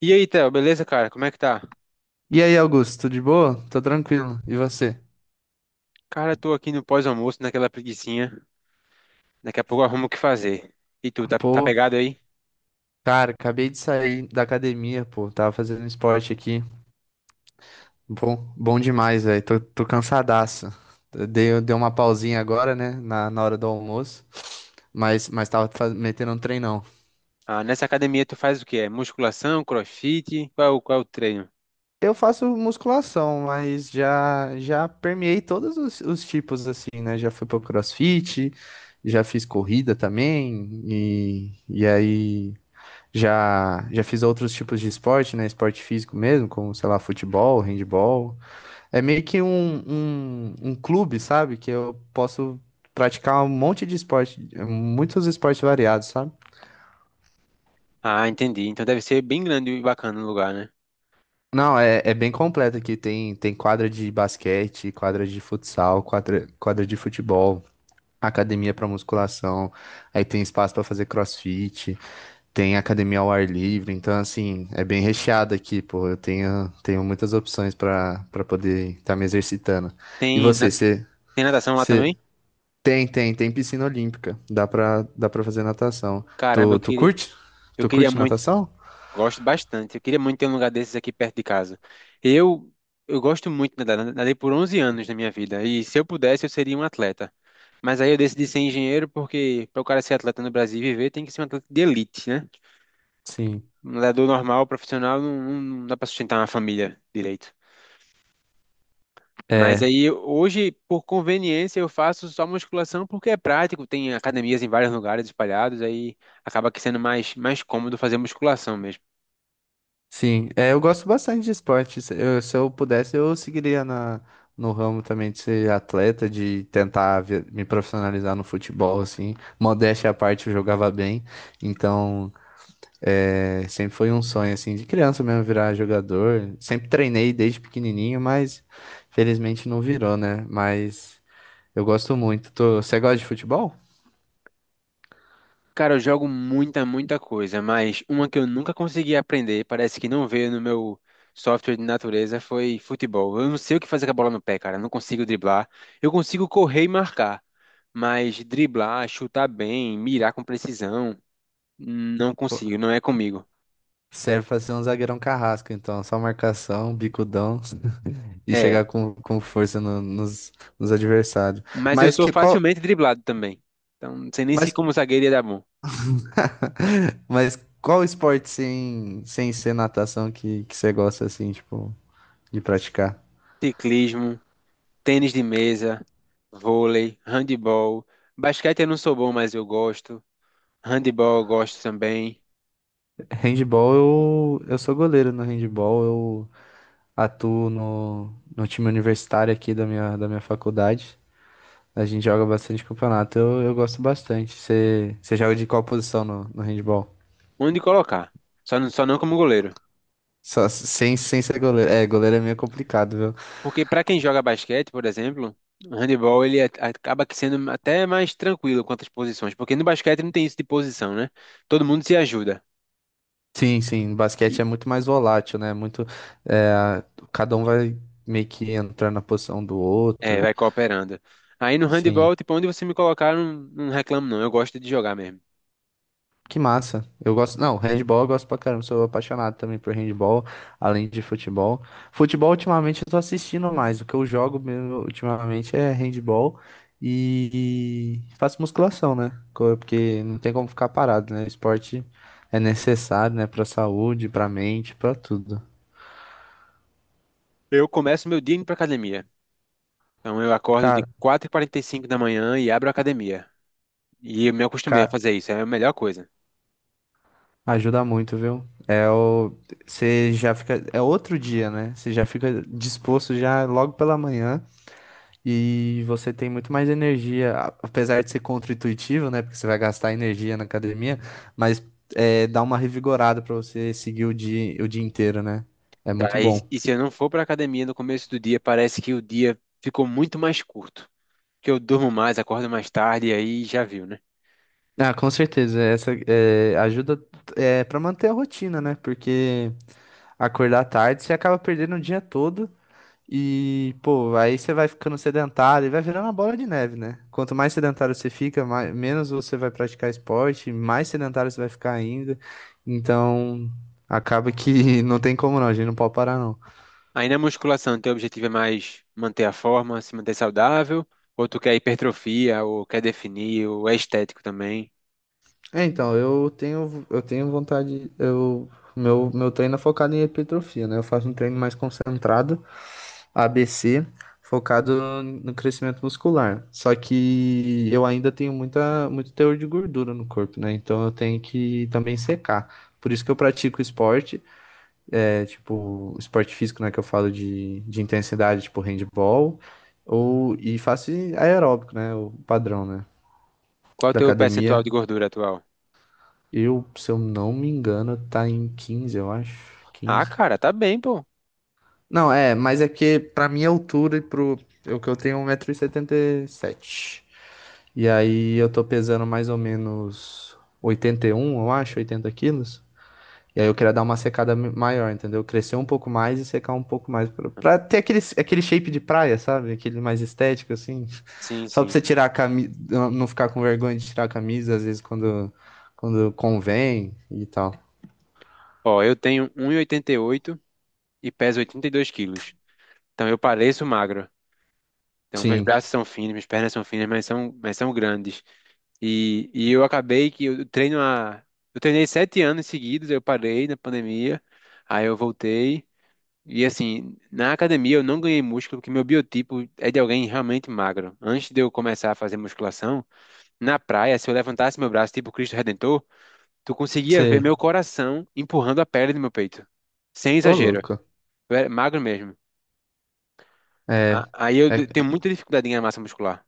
E aí, Theo, beleza, cara? Como é que tá? E aí, Augusto, tudo de boa? Tô tranquilo. E você? Cara, eu tô aqui no pós-almoço, naquela preguicinha. Daqui a pouco eu arrumo o que fazer. E tu, tá Pô, pegado aí? cara, acabei de sair da academia, pô. Tava fazendo esporte aqui. Bom, bom demais, velho. Tô cansadaço. Dei uma pausinha agora, né? Na hora do almoço. Mas tava metendo um treinão. Ah, nessa academia tu faz o quê? É musculação, crossfit? Qual é o treino? Eu faço musculação, mas já permeei todos os tipos, assim, né? Já fui pro CrossFit, já fiz corrida também. E aí. Já fiz outros tipos de esporte, né? Esporte físico mesmo, como, sei lá, futebol, handball. É meio que um clube, sabe? Que eu posso praticar um monte de esporte, muitos esportes variados, sabe? Ah, entendi. Então deve ser bem grande e bacana o lugar, né? Não, é bem completo aqui. Tem quadra de basquete, quadra de futsal, quadra de futebol, academia para musculação, aí tem espaço para fazer crossfit. Tem academia ao ar livre, então assim, é bem recheado aqui, pô. Eu tenho muitas opções para poder estar me exercitando. E Tem, na- você, você, Tem natação lá você também? tem piscina olímpica. Dá para fazer natação. Caramba, Tu, tu curte? eu Tu queria curte muito. natação? Gosto bastante. Eu queria muito ter um lugar desses aqui perto de casa. Eu, eu gosto muito de nadar. Nadei por 11 anos na minha vida. E se eu pudesse, eu seria um atleta. Mas aí eu decidi ser engenheiro porque para o cara ser atleta no Brasil e viver tem que ser um atleta de elite, né? Sim. Um nadador normal, profissional, não dá para sustentar uma família direito. Mas É, aí hoje, por conveniência, eu faço só musculação porque é prático, tem academias em vários lugares espalhados, aí acaba que sendo mais cômodo fazer musculação mesmo. sim. É, eu gosto bastante de esporte. Se eu pudesse, eu seguiria no ramo também de ser atleta, de tentar me profissionalizar no futebol, assim. Modéstia à parte, eu jogava bem. Então, é, sempre foi um sonho, assim, de criança mesmo virar jogador. Sempre treinei desde pequenininho, mas felizmente não virou, né? Mas eu gosto muito. Tô... Você gosta de futebol? Cara, eu jogo muita coisa, mas uma que eu nunca consegui aprender, parece que não veio no meu software de natureza, foi futebol. Eu não sei o que fazer com a bola no pé, cara. Eu não consigo driblar. Eu consigo correr e marcar, mas driblar, chutar bem, mirar com precisão, não Pô, consigo, não é comigo. serve pra ser um zagueirão carrasco, então. Só marcação, bicudão e É, chegar com força nos adversários. mas eu Mas sou que qual... facilmente driblado também. Então, não sei nem se Mas, como zagueiro ia dar bom. mas qual esporte sem ser natação que você gosta, assim, tipo, de praticar? Ciclismo, tênis de mesa, vôlei, handebol, basquete eu não sou bom, mas eu gosto. Handebol eu gosto também. Handball, eu sou goleiro no handball, eu atuo no time universitário aqui da minha faculdade. A gente joga bastante campeonato, eu gosto bastante. Você joga de qual posição no handball? Onde colocar? Só não como goleiro. Só, sem ser goleiro. É, goleiro é meio complicado, viu? Porque para quem joga basquete, por exemplo, o handebol ele acaba que sendo até mais tranquilo quanto às posições, porque no basquete não tem isso de posição, né? Todo mundo se ajuda Sim, sim, basquete é e muito mais volátil, né? Muito, é, cada um vai meio que entrar na posição do é, outro. vai cooperando. Aí no Sim. handebol, tipo, onde você me colocar, eu não, não reclamo não, eu gosto de jogar mesmo. Que massa. Eu gosto. Não, handball eu gosto pra caramba. Sou apaixonado também por handball, além de futebol. Futebol, ultimamente, eu tô assistindo mais. O que eu jogo mesmo ultimamente é handball e faço musculação, né? Porque não tem como ficar parado, né? Esporte é necessário, né? Pra saúde, pra mente, pra tudo. Eu começo meu dia indo pra academia. Então eu acordo de Cara, 4:45 da manhã e abro a academia. E eu me acostumei a ca- fazer isso, é a melhor coisa. ajuda muito, viu? É o. Você já fica. É outro dia, né? Você já fica disposto já logo pela manhã. E você tem muito mais energia, apesar de ser contra-intuitivo, né? Porque você vai gastar energia na academia, mas é, dá uma revigorada pra você seguir o dia inteiro, né? É muito Daí, bom. e se eu não for para academia no começo do dia, parece que o dia ficou muito mais curto. Que eu durmo mais, acordo mais tarde, e aí já viu, né? Ah, com certeza. Essa é, ajuda é, para manter a rotina, né? Porque acordar tarde você acaba perdendo o dia todo. E, pô, aí você vai ficando sedentário e vai virando uma bola de neve, né? Quanto mais sedentário você fica, mais, menos você vai praticar esporte, mais sedentário você vai ficar ainda. Então, acaba que não tem como não, a gente não pode parar não. Aí na musculação, teu objetivo é mais manter a forma, se manter saudável, ou tu quer hipertrofia, ou quer definir, ou é estético também. É, então, eu tenho vontade, meu treino é focado em hipertrofia, né? Eu faço um treino mais concentrado ABC, focado no crescimento muscular. Só que eu ainda tenho muita, muito teor de gordura no corpo, né? Então eu tenho que também secar. Por isso que eu pratico esporte, é tipo, esporte físico, né? Que eu falo de intensidade, tipo handball, ou, e faço aeróbico, né? O padrão, né? Qual é o Da teu academia. percentual de gordura atual? Eu, se eu não me engano, tá em 15, eu acho. Ah, 15. cara, tá bem, pô. Não, é, mas é que pra minha altura e pro. Eu tenho 1,77 m. E aí eu tô pesando mais ou menos 81, eu acho, 80 quilos. E aí eu queria dar uma secada maior, entendeu? Crescer um pouco mais e secar um pouco mais. Pra ter aquele shape de praia, sabe? Aquele mais estético, assim. Sim, Só pra sim. você tirar a camisa, não ficar com vergonha de tirar a camisa, às vezes quando, convém e tal. Ó, eu tenho 1,88 e oitenta e oito e peso 82 quilos. Então eu pareço magro. Então meus Sim, braços são finos, minhas pernas são finas, mas são grandes. E eu acabei que eu treino há. Eu treinei 7 anos seguidos, eu parei na pandemia, aí eu voltei. E assim, na academia eu não ganhei músculo, porque meu biotipo é de alguém realmente magro. Antes de eu começar a fazer musculação, na praia, se eu levantasse meu braço tipo Cristo Redentor, tu conseguia ver você. meu coração empurrando a pele do meu peito. Sem Ô, exagero. louco. Eu era magro mesmo. É, Tenho é. muita dificuldade em ganhar massa muscular.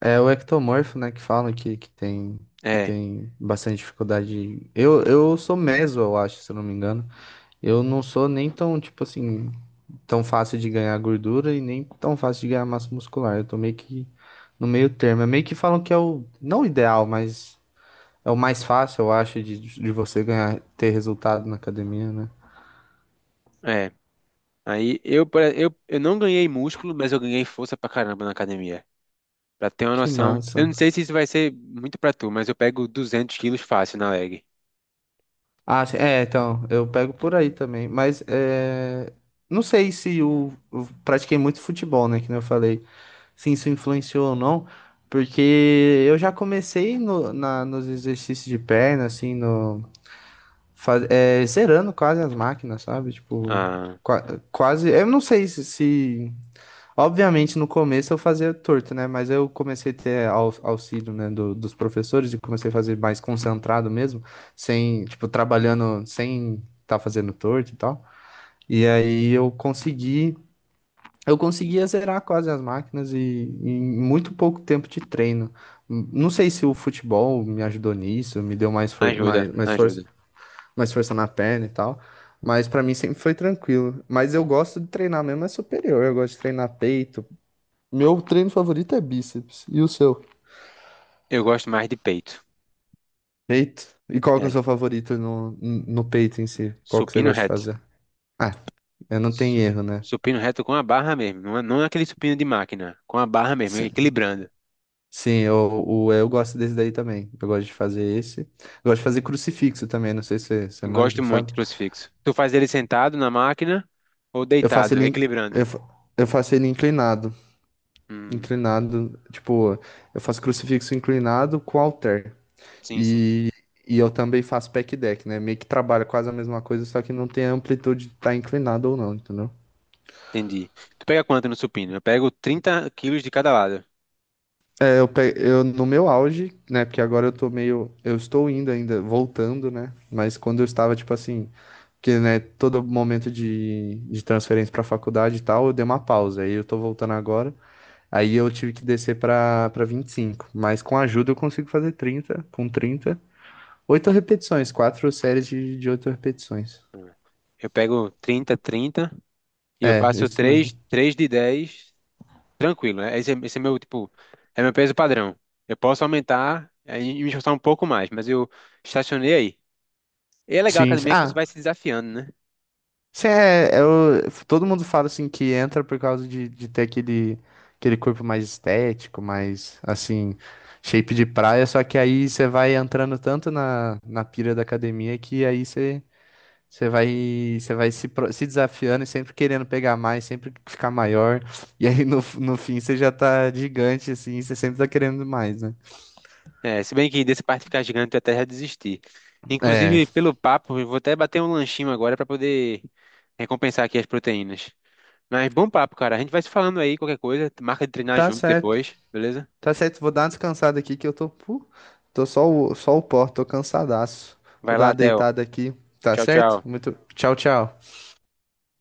É o ectomorfo, né, que falam que, que tem, que É, tem bastante dificuldade. Eu sou meso, eu acho, se eu não me engano. Eu não sou nem tão, tipo assim, tão fácil de ganhar gordura e nem tão fácil de ganhar massa muscular. Eu tô meio que no meio termo. É meio que falam que é o, não o ideal, mas é o mais fácil, eu acho, de você ganhar, ter resultado na academia, né? é. Aí eu, pare- eu não ganhei músculo, mas eu ganhei força pra caramba na academia. Pra ter uma Que noção, eu não massa. sei se isso vai ser muito pra tu, mas eu pego 200 quilos fácil na leg. Ah, sim, é, então, eu pego por aí também. Mas é, não sei se eu pratiquei muito futebol, né? Que nem eu falei, se isso influenciou ou não, porque eu já comecei no, na, nos exercícios de perna, assim, no, faz, é, zerando quase as máquinas, sabe? Tipo, Ah, qua- quase. Eu não sei. Obviamente, no começo eu fazia torto, né? Mas eu comecei a ter auxílio, né, dos professores e comecei a fazer mais concentrado mesmo, sem, tipo, trabalhando sem estar fazendo torto e tal. E aí eu consegui. Eu conseguia zerar quase as máquinas e em muito pouco tempo de treino. Não sei se o futebol me ajudou nisso, me deu mais, ajuda, mais força, ajuda. mais força na perna e tal, mas pra mim sempre foi tranquilo. Mas eu gosto de treinar mesmo, é superior, eu gosto de treinar peito. Meu treino favorito é bíceps. E o seu? Eu gosto mais de peito. Peito? E qual que é É, o seu favorito no peito em si? Qual que você supino gosta de reto. fazer? Ah, eu não tenho Su- erro, né? Supino reto com a barra mesmo, não é aquele supino de máquina, com a barra mesmo, equilibrando. Sim, eu gosto desse daí também. Eu gosto de fazer esse. Eu gosto de fazer crucifixo também, não sei se você Eu manja, gosto muito sabe? de crucifixo. Tu faz ele sentado na máquina ou Eu faço deitado, ele, in- equilibrando? eu, fa- eu faço ele inclinado. Hum, Inclinado, tipo, eu faço crucifixo inclinado com halter. sim, sim. E, e eu também faço pack deck, né? Meio que trabalha quase a mesma coisa, só que não tem a amplitude de estar inclinado ou não, entendeu? Entendi. Tu pega quanto no supino? Eu pego 30 quilos de cada lado. É, eu no meu auge, né? Porque agora eu tô meio. Eu estou indo ainda, voltando, né? Mas quando eu estava, tipo assim. Porque, né, todo momento de transferência para faculdade e tal, eu dei uma pausa. Aí eu tô voltando agora. Aí eu tive que descer para 25. Mas com ajuda eu consigo fazer 30. Com 30, 8 repetições. 4 séries de 8 repetições. Hum. Eu pego 30 e eu É, faço isso mesmo. 3 de 10. Tranquilo, né? Esse é meu, tipo, é meu peso padrão. Eu posso aumentar é, e me esforçar um pouco mais, mas eu estacionei aí. E é legal a Sim, sim. academia que você Ah, vai se desafiando, né? sim, é, eu, todo mundo fala assim que entra por causa de ter aquele corpo mais estético, mais assim, shape de praia. Só que aí você vai entrando tanto na pira da academia que aí você. Você vai se, se desafiando e sempre querendo pegar mais, sempre ficar maior. E aí no fim você já tá gigante, assim, você sempre tá querendo mais, né? É, se bem que dessa parte de ficar gigante eu até já desisti. É, Inclusive, pelo papo, eu vou até bater um lanchinho agora para poder recompensar aqui as proteínas. Mas bom papo, cara. A gente vai se falando aí, qualquer coisa. Marca de treinar tá junto certo, depois, beleza? tá certo. Vou dar uma descansada aqui que eu tô só o pó, tô cansadaço. Vou Vai dar uma lá, Theo. deitada aqui, tá Tchau, certo? tchau. Muito, tchau, tchau.